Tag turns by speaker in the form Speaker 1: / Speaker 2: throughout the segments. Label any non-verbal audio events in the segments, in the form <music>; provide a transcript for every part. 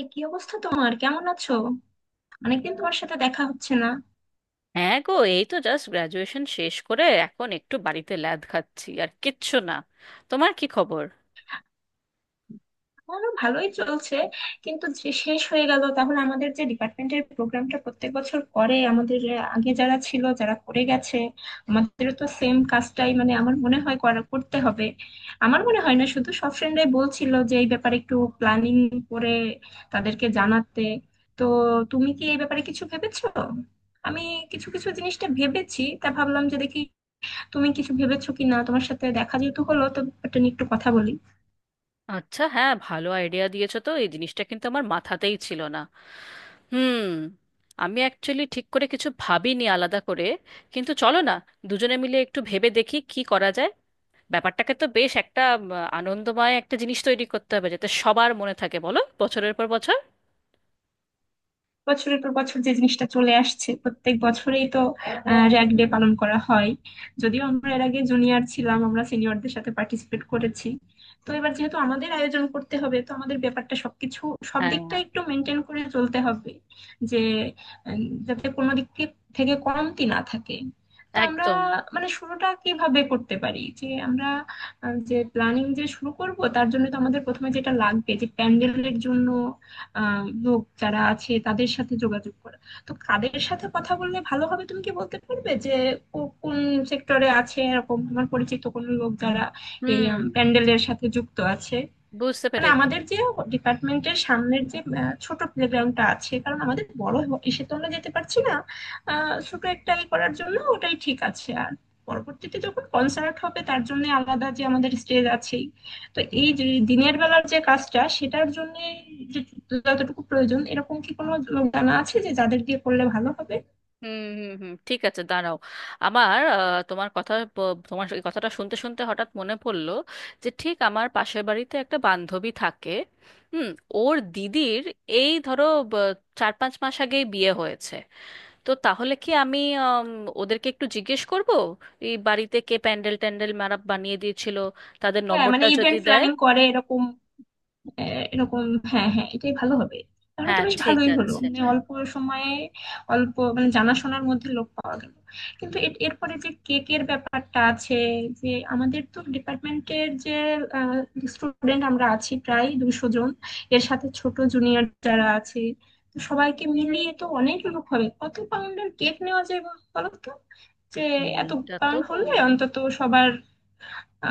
Speaker 1: এই কি অবস্থা, তোমার কেমন আছো? অনেকদিন তোমার সাথে দেখা হচ্ছে না।
Speaker 2: হ্যাঁ গো, এই তো জাস্ট গ্রাজুয়েশন শেষ করে এখন একটু বাড়িতে ল্যাদ খাচ্ছি, আর কিচ্ছু না। তোমার কি খবর?
Speaker 1: আমারও ভালোই চলছে। কিন্তু যে শেষ হয়ে গেল, তাহলে আমাদের যে ডিপার্টমেন্টের প্রোগ্রামটা প্রত্যেক বছর করে আমাদের আগে যারা ছিল যারা করে গেছে, আমাদেরও তো সেম কাজটাই, মানে আমার মনে হয় করতে হবে। আমার মনে হয় না, শুধু সব ফ্রেন্ডরাই বলছিল যে এই ব্যাপারে একটু প্ল্যানিং করে তাদেরকে জানাতে। তো তুমি কি এই ব্যাপারে কিছু ভেবেছো? আমি কিছু কিছু জিনিসটা ভেবেছি, তা ভাবলাম যে দেখি তুমি কিছু ভেবেছো কিনা। তোমার সাথে দেখা যেহেতু হলো, তো এটা নিয়ে একটু কথা বলি।
Speaker 2: আচ্ছা, হ্যাঁ, ভালো আইডিয়া দিয়েছো তো, এই জিনিসটা কিন্তু আমার মাথাতেই ছিল না। হুম। আমি অ্যাকচুয়ালি ঠিক করে কিছু ভাবিনি আলাদা করে, কিন্তু চলো না দুজনে মিলে একটু ভেবে দেখি কি করা যায়। ব্যাপারটাকে তো বেশ একটা আনন্দময় একটা জিনিস তৈরি করতে হবে, যাতে সবার মনে থাকে, বলো, বছরের পর বছর।
Speaker 1: বছরের পর বছর যে জিনিসটা চলে আসছে, প্রত্যেক বছরেই তো র্যাগ ডে পালন করা হয়। যদিও আমরা এর আগে জুনিয়র ছিলাম, আমরা সিনিয়রদের সাথে পার্টিসিপেট করেছি। তো এবার যেহেতু আমাদের আয়োজন করতে হবে, তো আমাদের ব্যাপারটা সবকিছু, সব
Speaker 2: হ্যাঁ।
Speaker 1: দিকটা একটু মেনটেন করে চলতে হবে যে, যাতে কোনো দিক থেকে কমতি না থাকে। তো আমরা
Speaker 2: একদম।
Speaker 1: মানে শুরুটা কিভাবে করতে পারি, যে আমরা যে প্ল্যানিং যে শুরু করব তার জন্য তো আমাদের প্রথমে যেটা লাগবে যে প্যান্ডেলের জন্য লোক যারা আছে তাদের সাথে যোগাযোগ করা। তো কাদের সাথে কথা বললে ভালো হবে, তুমি কি বলতে পারবে যে কোন সেক্টরে আছে এরকম তোমার পরিচিত কোনো লোক যারা এই
Speaker 2: হুম।
Speaker 1: প্যান্ডেলের সাথে যুক্ত আছে?
Speaker 2: বুঝতে
Speaker 1: মানে
Speaker 2: পেরেছি।
Speaker 1: আমাদের যে ডিপার্টমেন্টের সামনের যে ছোট প্লেগ্রাউন্ডটা আছে, কারণ আমাদের বড় এসে তো আমরা যেতে পারছি না। ছোট একটা ই করার জন্য ওটাই ঠিক আছে, আর পরবর্তীতে যখন কনসার্ট হবে তার জন্য আলাদা যে আমাদের স্টেজ আছেই। তো এই যে দিনের বেলার যে কাজটা সেটার জন্য, যে যতটুকু প্রয়োজন এরকম কি কোনো লোক জানা আছে যে যাদের দিয়ে করলে ভালো হবে?
Speaker 2: হুম, হুম, হুম, ঠিক আছে, দাঁড়াও। আমার তোমার কথা তোমার এই কথাটা শুনতে শুনতে হঠাৎ মনে পড়লো যে ঠিক আমার পাশের বাড়িতে একটা বান্ধবী থাকে। হুম। ওর দিদির, এই ধরো, ব- 4-5 মাস আগেই বিয়ে হয়েছে। তো তাহলে কি আমি আম, ওদেরকে একটু জিজ্ঞেস করব এই বাড়িতে কে প্যান্ডেল ট্যান্ডেল মারাপ বানিয়ে দিয়েছিল, তাদের
Speaker 1: হ্যাঁ, মানে
Speaker 2: নম্বরটা যদি
Speaker 1: ইভেন্ট
Speaker 2: দেয়।
Speaker 1: প্ল্যানিং করে এরকম, এরকম, হ্যাঁ হ্যাঁ, এটাই ভালো হবে। তাহলে তো
Speaker 2: হ্যাঁ,
Speaker 1: বেশ
Speaker 2: ঠিক
Speaker 1: ভালোই হলো,
Speaker 2: আছে।
Speaker 1: মানে অল্প সময়ে, অল্প মানে জানাশোনার মধ্যে লোক পাওয়া গেল। কিন্তু এরপরে যে কেকের ব্যাপারটা আছে, যে আমাদের তো ডিপার্টমেন্টের যে স্টুডেন্ট আমরা আছি প্রায় 200 জন, এর সাথে ছোট জুনিয়র যারা আছে, তো সবাইকে মিলিয়ে তো অনেক লোক হবে। কত পাউন্ডের কেক নেওয়া যায় বলো তো? যে এত
Speaker 2: এইটা তো,
Speaker 1: পাউন্ড হলে অন্তত সবার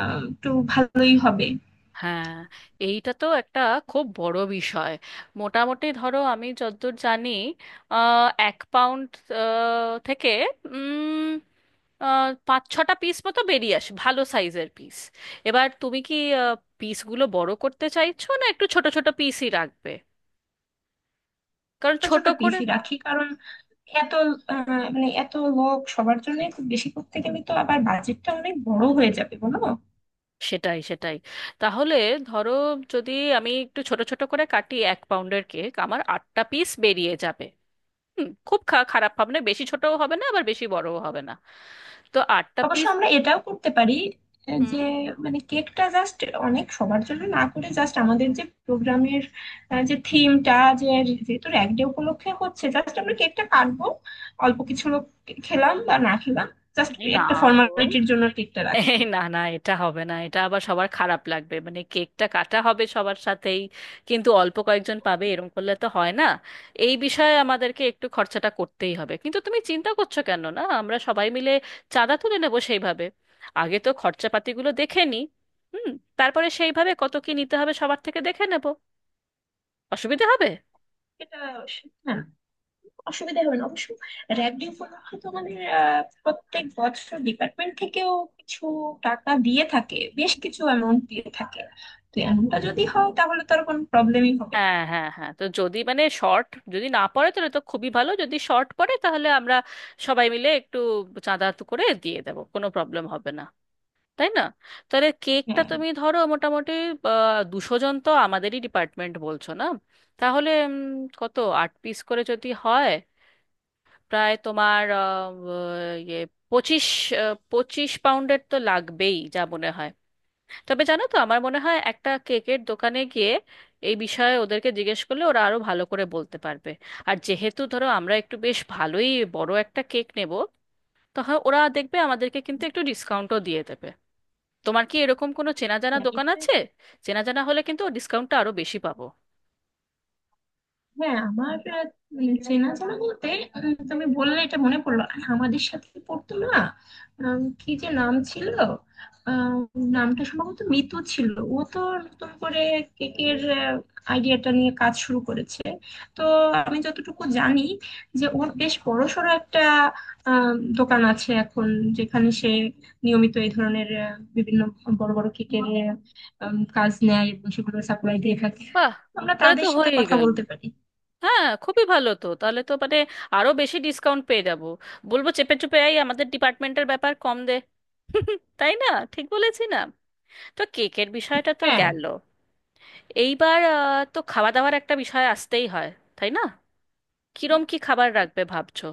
Speaker 1: একটু ভালোই হবে।
Speaker 2: হ্যাঁ, এইটা তো একটা খুব বড় বিষয়। মোটামুটি ধরো, আমি যতদূর জানি, 1 পাউন্ড থেকে উম, 5-6টা পিস মতো বেরিয়ে আসে, ভালো সাইজের পিস। এবার তুমি কি পিসগুলো বড় করতে চাইছো, না একটু ছোট ছোট পিসই রাখবে? কারণ
Speaker 1: ছোট
Speaker 2: ছোট
Speaker 1: ছোট
Speaker 2: করে
Speaker 1: পিসই রাখি, কারণ এত মানে এত লোক সবার জন্য খুব বেশি করতে গেলে তো আবার বাজেটটা অনেক বড় হয়ে যাবে বলো।
Speaker 2: সেটাই, সেটাই। তাহলে ধরো, যদি আমি একটু ছোট ছোট করে কাটি, 1 পাউন্ডের কেক আমার আটটা পিস বেরিয়ে যাবে। হুম, খুব খারাপ হবে না, বেশি ছোটও হবে না, আবার বেশি বড়ও হবে না। তো আটটা
Speaker 1: অবশ্য
Speaker 2: পিস।
Speaker 1: আমরা এটাও করতে পারি,
Speaker 2: হুম।
Speaker 1: যে মানে কেকটা জাস্ট অনেক সবার জন্য না করে, জাস্ট আমাদের যে প্রোগ্রামের যে থিমটা, যে যেহেতু এক ডে উপলক্ষে হচ্ছে, জাস্ট আমরা কেকটা কাটবো, অল্প কিছু লোক খেলাম বা না খেলাম, জাস্ট
Speaker 2: এই না
Speaker 1: একটা
Speaker 2: গো,
Speaker 1: ফর্মালিটির জন্য কেকটা রাখি।
Speaker 2: এই না না, এটা হবে না, এটা আবার সবার খারাপ লাগবে, মানে কেকটা কাটা হবে সবার সাথেই, কিন্তু অল্প কয়েকজন পাবে এরকম করলে তো হয় না। এই বিষয়ে আমাদেরকে একটু খরচাটা করতেই হবে, কিন্তু তুমি চিন্তা করছো কেন, না আমরা সবাই মিলে চাঁদা তুলে নেবো সেইভাবে। আগে তো খরচাপাতিগুলো দেখে নিই। হুম। তারপরে সেইভাবে কত কি নিতে হবে সবার থেকে দেখে নেবো, অসুবিধা হবে।
Speaker 1: এটা, হ্যাঁ, অসুবিধা হবে না অবশ্য। র্যাব ডে উপলক্ষে তো আমাদের প্রত্যেক বছর ডিপার্টমেন্ট থেকেও কিছু টাকা দিয়ে থাকে, বেশ কিছু অ্যামাউন্ট দিয়ে থাকে। তো এমনটা যদি হয়, তাহলে তো আর কোনো প্রবলেমই হবে না।
Speaker 2: হ্যাঁ, হ্যাঁ, হ্যাঁ, তো যদি মানে শর্ট যদি না পড়ে তাহলে তো খুবই ভালো, যদি শর্ট পড়ে তাহলে আমরা সবাই মিলে একটু চাঁদা তো করে দিয়ে দেবো, কোনো প্রবলেম হবে না, তাই না? তাহলে কেকটা
Speaker 1: হ্যাঁ
Speaker 2: তুমি ধরো মোটামুটি 200 জন তো আমাদেরই ডিপার্টমেন্ট বলছো না? তাহলে কত, আট পিস করে যদি হয়, প্রায় তোমার ইয়ে, 25, 25 পাউন্ডের তো লাগবেই, যা মনে হয়। তবে জানো তো, আমার মনে হয় একটা কেকের দোকানে গিয়ে এই বিষয়ে ওদেরকে জিজ্ঞেস করলে ওরা আরো ভালো করে বলতে পারবে। আর যেহেতু ধরো আমরা একটু বেশ ভালোই বড় একটা কেক নেব, তখন ওরা দেখবে আমাদেরকে কিন্তু একটু ডিসকাউন্টও দিয়ে দেবে। তোমার কি এরকম কোনো চেনা জানা
Speaker 1: হ্যাঁ,
Speaker 2: দোকান
Speaker 1: এটা,
Speaker 2: আছে? চেনা জানা হলে কিন্তু ডিসকাউন্টটা আরো বেশি পাবো।
Speaker 1: হ্যাঁ, আমার চেনাজানা বলতে, তুমি বললে এটা মনে পড়লো, আর আমাদের সাথে পড়তো না? কি যে নাম ছিল, আম, নামটা সম্ভবত মিতু ছিল। ও তো নতুন করে কেকের আইডিয়াটা নিয়ে কাজ শুরু করেছে, তো আমি যতটুকু জানি যে ওর বেশ বড়সড় একটা দোকান আছে এখন, যেখানে সে নিয়মিত এই ধরনের বিভিন্ন বড় বড় কেকের কাজ নেয় এবং সেগুলো সাপ্লাই দিয়ে থাকে।
Speaker 2: বাহ!
Speaker 1: আমরা
Speaker 2: তাহলে তো
Speaker 1: তাদের সাথে
Speaker 2: হয়েই
Speaker 1: কথা
Speaker 2: গেল।
Speaker 1: বলতে পারি।
Speaker 2: হ্যাঁ, খুবই ভালো, তো তাহলে তো মানে আরো বেশি ডিসকাউন্ট পেয়ে যাবো। বলবো চেপে চুপে, এই আমাদের ডিপার্টমেন্টের ব্যাপার, কম দে। <laughs> তাই না? ঠিক বলেছি না? তো কেকের বিষয়টা তো
Speaker 1: হ্যাঁ,
Speaker 2: গেল। এইবার তো খাওয়া দাওয়ার একটা বিষয় আসতেই হয়, তাই না? কিরম কি খাবার রাখবে ভাবছো?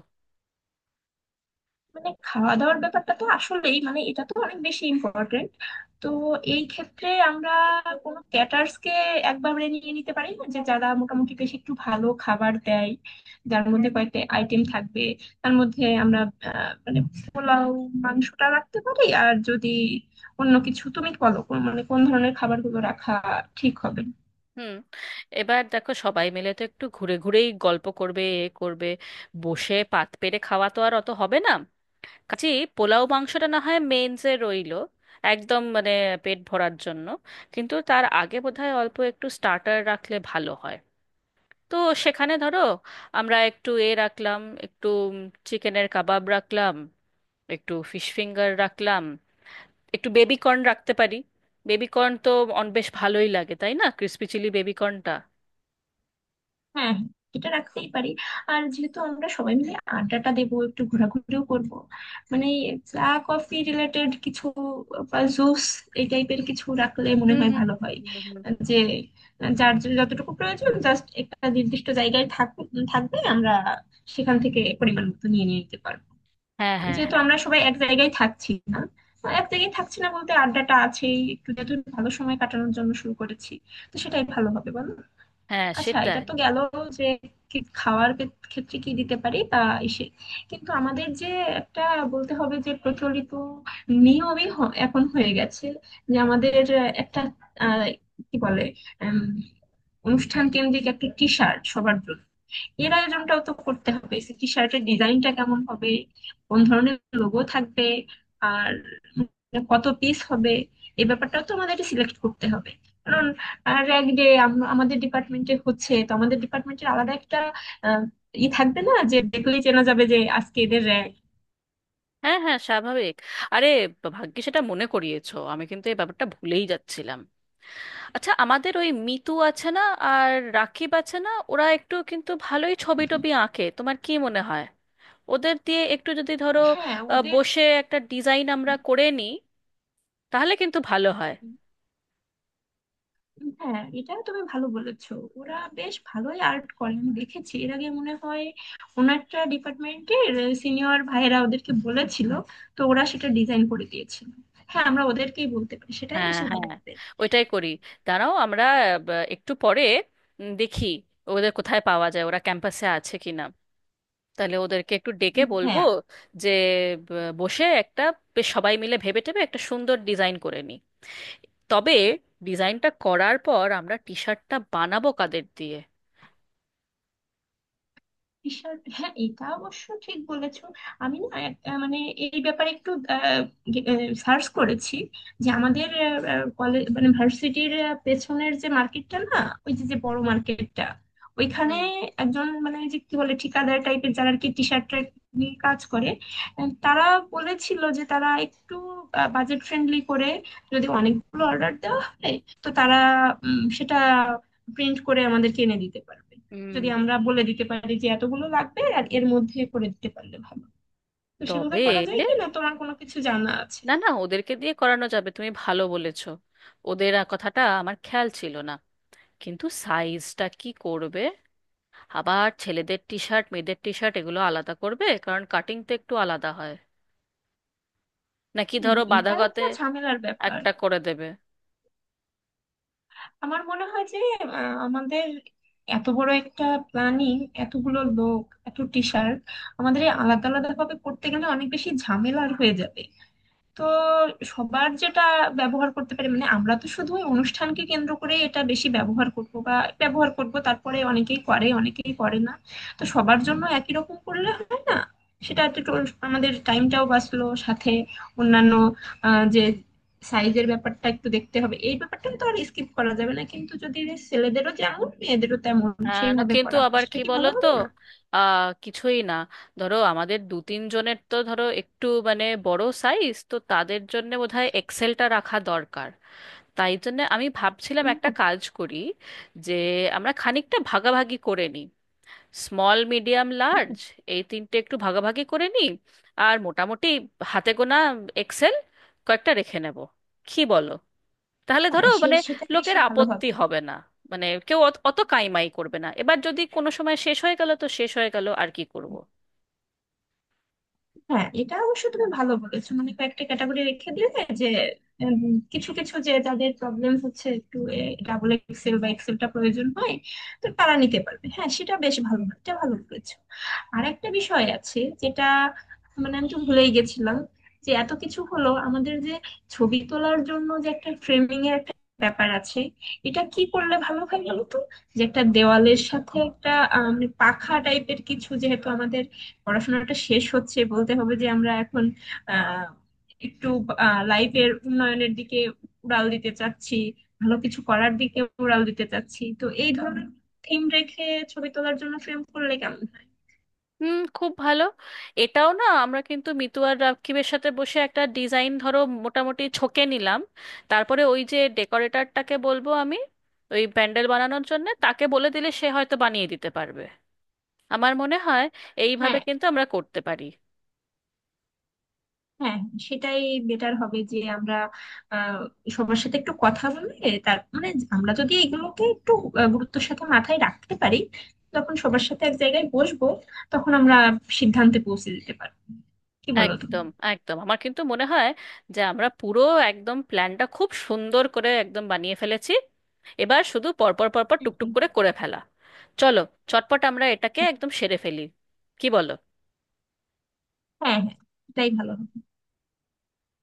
Speaker 1: মানে খাওয়া দাওয়ার ব্যাপারটা তো আসলেই, মানে এটা তো অনেক বেশি ইম্পর্টেন্ট। তো এই ক্ষেত্রে আমরা কোনো ক্যাটার্স কে একবারে নিয়ে নিতে পারি না, যে যারা মোটামুটি বেশ একটু ভালো খাবার দেয়, যার মধ্যে কয়েকটা আইটেম থাকবে। তার মধ্যে আমরা মানে পোলাও মাংসটা রাখতে পারি, আর যদি অন্য কিছু তুমি বলো মানে কোন ধরনের খাবারগুলো রাখা ঠিক হবে।
Speaker 2: হুম। এবার দেখো, সবাই মিলে তো একটু ঘুরে ঘুরেই গল্প করবে, এ করবে, বসে পাত পেরে খাওয়া তো আর অত হবে না। কাজেই পোলাও মাংসটা না হয় মেনসে রইলো, একদম মানে পেট ভরার জন্য। কিন্তু তার আগে বোধহয় অল্প একটু স্টার্টার রাখলে ভালো হয়। তো সেখানে ধরো আমরা একটু এ রাখলাম, একটু চিকেনের কাবাব রাখলাম, একটু ফিশ ফিঙ্গার রাখলাম, একটু বেবি কর্ন রাখতে পারি। বেবি কর্ন তো অন বেশ ভালোই লাগে, তাই না, ক্রিসপি চিলি বেবি কর্নটা?
Speaker 1: হ্যাঁ এটা রাখতেই পারি। আর যেহেতু আমরা সবাই মিলে আড্ডাটা দেবো, একটু ঘোরাঘুরিও করব, মানে চা কফি রিলেটেড কিছু বা জুস এই টাইপের কিছু রাখলে মনে
Speaker 2: হুম,
Speaker 1: হয়
Speaker 2: হুম,
Speaker 1: ভালো হয়।
Speaker 2: হুম, হুম, হুম।
Speaker 1: যে যার যে যতটুকু প্রয়োজন, জাস্ট একটা নির্দিষ্ট জায়গায় থাকবে, আমরা সেখান থেকে পরিমাণ মতো নিয়ে নিয়ে নিতে পারবো।
Speaker 2: হ্যাঁ, হ্যাঁ,
Speaker 1: যেহেতু
Speaker 2: হ্যাঁ।
Speaker 1: আমরা সবাই এক জায়গায় থাকছি না, এক জায়গায় থাকছি না বলতে আড্ডাটা আছেই, একটু যেহেতু ভালো সময় কাটানোর জন্য শুরু করেছি, তো সেটাই ভালো হবে বলো।
Speaker 2: হ্যাঁ,
Speaker 1: আচ্ছা, এটা
Speaker 2: সেটাই।
Speaker 1: তো গেল যে কি খাওয়ার ক্ষেত্রে কি দিতে পারি। তা এসে কিন্তু আমাদের যে একটা বলতে হবে, যে প্রচলিত নিয়মই এখন হয়ে গেছে যে আমাদের একটা, আহ, কি বলে, উম, অনুষ্ঠান কেন্দ্রিক একটা টি শার্ট সবার জন্য এর আয়োজনটাও তো করতে হবে। টি শার্টের ডিজাইনটা কেমন হবে, কোন ধরনের লোগো থাকবে, আর মানে কত পিস হবে, এই ব্যাপারটাও তো আমাদের সিলেক্ট করতে হবে। কারণ র‍্যাগ ডে আমাদের ডিপার্টমেন্টে হচ্ছে, তো আমাদের ডিপার্টমেন্টের আলাদা একটা আহ, ই থাকবে না যে দেখলেই চেনা যাবে যে আজকে এদের র‍্যাগ।
Speaker 2: হ্যাঁ, হ্যাঁ, স্বাভাবিক। আরে, ভাগ্যে সেটা মনে করিয়েছো, আমি কিন্তু এই ব্যাপারটা ভুলেই যাচ্ছিলাম। আচ্ছা, আমাদের ওই মিতু আছে না আর রাকিব আছে না, ওরা একটু কিন্তু ভালোই ছবি টবি আঁকে, তোমার কি মনে হয় ওদের দিয়ে একটু যদি ধরো
Speaker 1: হ্যাঁ, ওদের,
Speaker 2: বসে একটা ডিজাইন আমরা করে নিই, তাহলে কিন্তু ভালো হয়।
Speaker 1: হ্যাঁ এটা তুমি ভালো বলেছো। ওরা বেশ ভালোই আর্ট করে, আমি দেখেছি এর আগে মনে হয় ওনারটা ডিপার্টমেন্টের সিনিয়র ভাইয়েরা ওদেরকে বলেছিল, তো ওরা সেটা ডিজাইন করে দিয়েছিল। হ্যাঁ আমরা ওদেরকেই বলতে পারি, সেটাই
Speaker 2: হ্যাঁ,
Speaker 1: বেশি ভালো
Speaker 2: হ্যাঁ,
Speaker 1: হবে।
Speaker 2: ওইটাই করি। দাঁড়াও, আমরা একটু পরে দেখি ওদের কোথায় পাওয়া যায়, ওরা ক্যাম্পাসে আছে কিনা, তাহলে ওদেরকে একটু ডেকে
Speaker 1: উম,
Speaker 2: বলবো
Speaker 1: হ্যাঁ।
Speaker 2: যে বসে একটা বেশ সবাই মিলে ভেবে টেবে একটা সুন্দর ডিজাইন করে নিই। তবে ডিজাইনটা করার পর আমরা টি শার্টটা বানাবো কাদের দিয়ে?
Speaker 1: ঈশ্বর, হ্যাঁ এটা অবশ্য ঠিক বলেছো। আমি না মানে এই ব্যাপারে একটু সার্চ করেছি, যে আমাদের কলেজ মানে ভার্সিটির পেছনের যে মার্কেটটা না, ওই যে যে বড় মার্কেটটা, ওইখানে
Speaker 2: হুম,
Speaker 1: একজন মানে ওই যে কি বলে ঠিকাদার টাইপের, যারা আর কি টি শার্ট নিয়ে কাজ করে, তারা বলেছিল যে তারা একটু বাজেট ফ্রেন্ডলি করে যদি অনেকগুলো অর্ডার দেওয়া হয়। তো তারা সেটা প্রিন্ট করে আমাদেরকে এনে দিতে পারবে
Speaker 2: হুম।
Speaker 1: যদি আমরা বলে দিতে পারি যে এতগুলো লাগবে আর এর মধ্যে করে দিতে পারলে ভালো। তো সেভাবে
Speaker 2: তবে
Speaker 1: করা যায়
Speaker 2: না,
Speaker 1: কি না, তোমার কোনো কিছু জানা আছে?
Speaker 2: না, ওদেরকে দিয়ে করানো যাবে, তুমি ভালো বলেছো, ওদের কথাটা আমার খেয়াল ছিল না। কিন্তু সাইজটা কি করবে? আবার ছেলেদের টি শার্ট মেয়েদের টি শার্ট এগুলো আলাদা করবে কারণ কাটিং তো একটু আলাদা হয়, নাকি ধরো
Speaker 1: এটা
Speaker 2: বাঁধাগতে
Speaker 1: একটা ঝামেলার ব্যাপার।
Speaker 2: একটা করে দেবে?
Speaker 1: আমার মনে হয় যে আমাদের এত বড় একটা প্ল্যানিং, এতগুলো লোক, এত টিচার, আমাদের এই আলাদা আলাদা ভাবে করতে গেলে অনেক বেশি ঝামেলার হয়ে যাবে। তো সবার যেটা ব্যবহার করতে পারে, মানে আমরা তো শুধু ওই অনুষ্ঠানকে কেন্দ্র করে এটা বেশি ব্যবহার করব বা ব্যবহার করব, তারপরে অনেকেই করে অনেকেই করে না। তো সবার জন্য একই রকম করলে হয় না, সেটা একটু আমাদের টাইমটাও বাঁচলো, সাথে অন্যান্য যে সাইজের ব্যাপারটা একটু দেখতে হবে, এই ব্যাপারটা তো আর স্কিপ করা যাবে না, কিন্তু যদি ছেলেদেরও যেমন মেয়েদেরও তেমন
Speaker 2: হ্যাঁ, না
Speaker 1: সেইভাবে
Speaker 2: কিন্তু
Speaker 1: করা হয়
Speaker 2: আবার
Speaker 1: সেটা
Speaker 2: কি
Speaker 1: কি
Speaker 2: বলো
Speaker 1: ভালো
Speaker 2: তো,
Speaker 1: হবে না?
Speaker 2: আহ, কিছুই না, ধরো আমাদের দু তিন জনের তো ধরো একটু মানে বড় সাইজ, তো তাদের জন্য বোধহয় এক্সেলটা রাখা দরকার। তাই জন্য আমি ভাবছিলাম একটা কাজ করি যে আমরা খানিকটা ভাগাভাগি করে নিই, স্মল মিডিয়াম লার্জ, এই তিনটে একটু ভাগাভাগি করে নিই, আর মোটামুটি হাতে গোনা এক্সেল কয়েকটা রেখে নেব, কি বলো? তাহলে ধরো
Speaker 1: হ্যাঁ,
Speaker 2: মানে
Speaker 1: সেটাই বেশি
Speaker 2: লোকের
Speaker 1: ভালো
Speaker 2: আপত্তি
Speaker 1: হবে।
Speaker 2: হবে না, মানে কেউ অত অত কাইমাই করবে না, এবার যদি কোনো সময় শেষ হয়ে গেল তো শেষ হয়ে গেল, আর কি করব।
Speaker 1: হ্যাঁ এটা অবশ্য তুমি ভালো বলেছো, মানে কয়েকটা ক্যাটাগরি রেখে দিলে যে উম, কিছু কিছু যে যাদের প্রবলেম হচ্ছে, একটু ডাবল এক্সেল বা এক্সেলটা প্রয়োজন হয়, তো তারা নিতে পারবে। হ্যাঁ সেটা বেশ ভালো, এটা ভালো বলেছো। আর একটা বিষয় আছে যেটা মানে আমি তো ভুলেই গেছিলাম, যে এত কিছু হলো আমাদের, যে ছবি তোলার জন্য যে একটা ফ্রেমিং এর একটা ব্যাপার আছে, এটা কি করলে ভালো হয় বলো তো? যে একটা দেওয়ালের সাথে একটা মানে পাখা টাইপের কিছু, যেহেতু আমাদের পড়াশোনাটা শেষ হচ্ছে, বলতে হবে যে আমরা এখন আহ একটু লাইফের উন্নয়নের দিকে উড়াল দিতে চাচ্ছি, ভালো কিছু করার দিকে উড়াল দিতে চাচ্ছি, তো এই ধরনের থিম রেখে ছবি তোলার জন্য ফ্রেম করলে কেমন হয়?
Speaker 2: হুম, খুব ভালো। এটাও না আমরা কিন্তু মিতু আর রাকিবের সাথে বসে একটা ডিজাইন ধরো মোটামুটি ছকে নিলাম, তারপরে ওই যে ডেকোরেটরটাকে বলবো আমি, ওই প্যান্ডেল বানানোর জন্য তাকে বলে দিলে সে হয়তো বানিয়ে দিতে পারবে, আমার মনে হয়। এইভাবে
Speaker 1: হ্যাঁ
Speaker 2: কিন্তু আমরা করতে পারি।
Speaker 1: হ্যাঁ, সেটাই বেটার হবে, যে আমরা আহ সবার সাথে একটু কথা বলে, তার মানে আমরা যদি এগুলোকে একটু গুরুত্বের সাথে মাথায় রাখতে পারি, তখন সবার সাথে এক জায়গায় বসবো, তখন আমরা সিদ্ধান্তে পৌঁছে যেতে পারবো, কি বলো
Speaker 2: একদম, একদম, আমার কিন্তু মনে হয় যে আমরা পুরো একদম প্ল্যানটা খুব সুন্দর করে একদম বানিয়ে ফেলেছি। এবার শুধু পরপর পরপর
Speaker 1: তুমি?
Speaker 2: টুকটুক করে করে ফেলা। চলো, চটপট আমরা এটাকে একদম সেরে ফেলি, কি বলো?
Speaker 1: হ্যাঁ হ্যাঁ, এটাই ভালো হবে।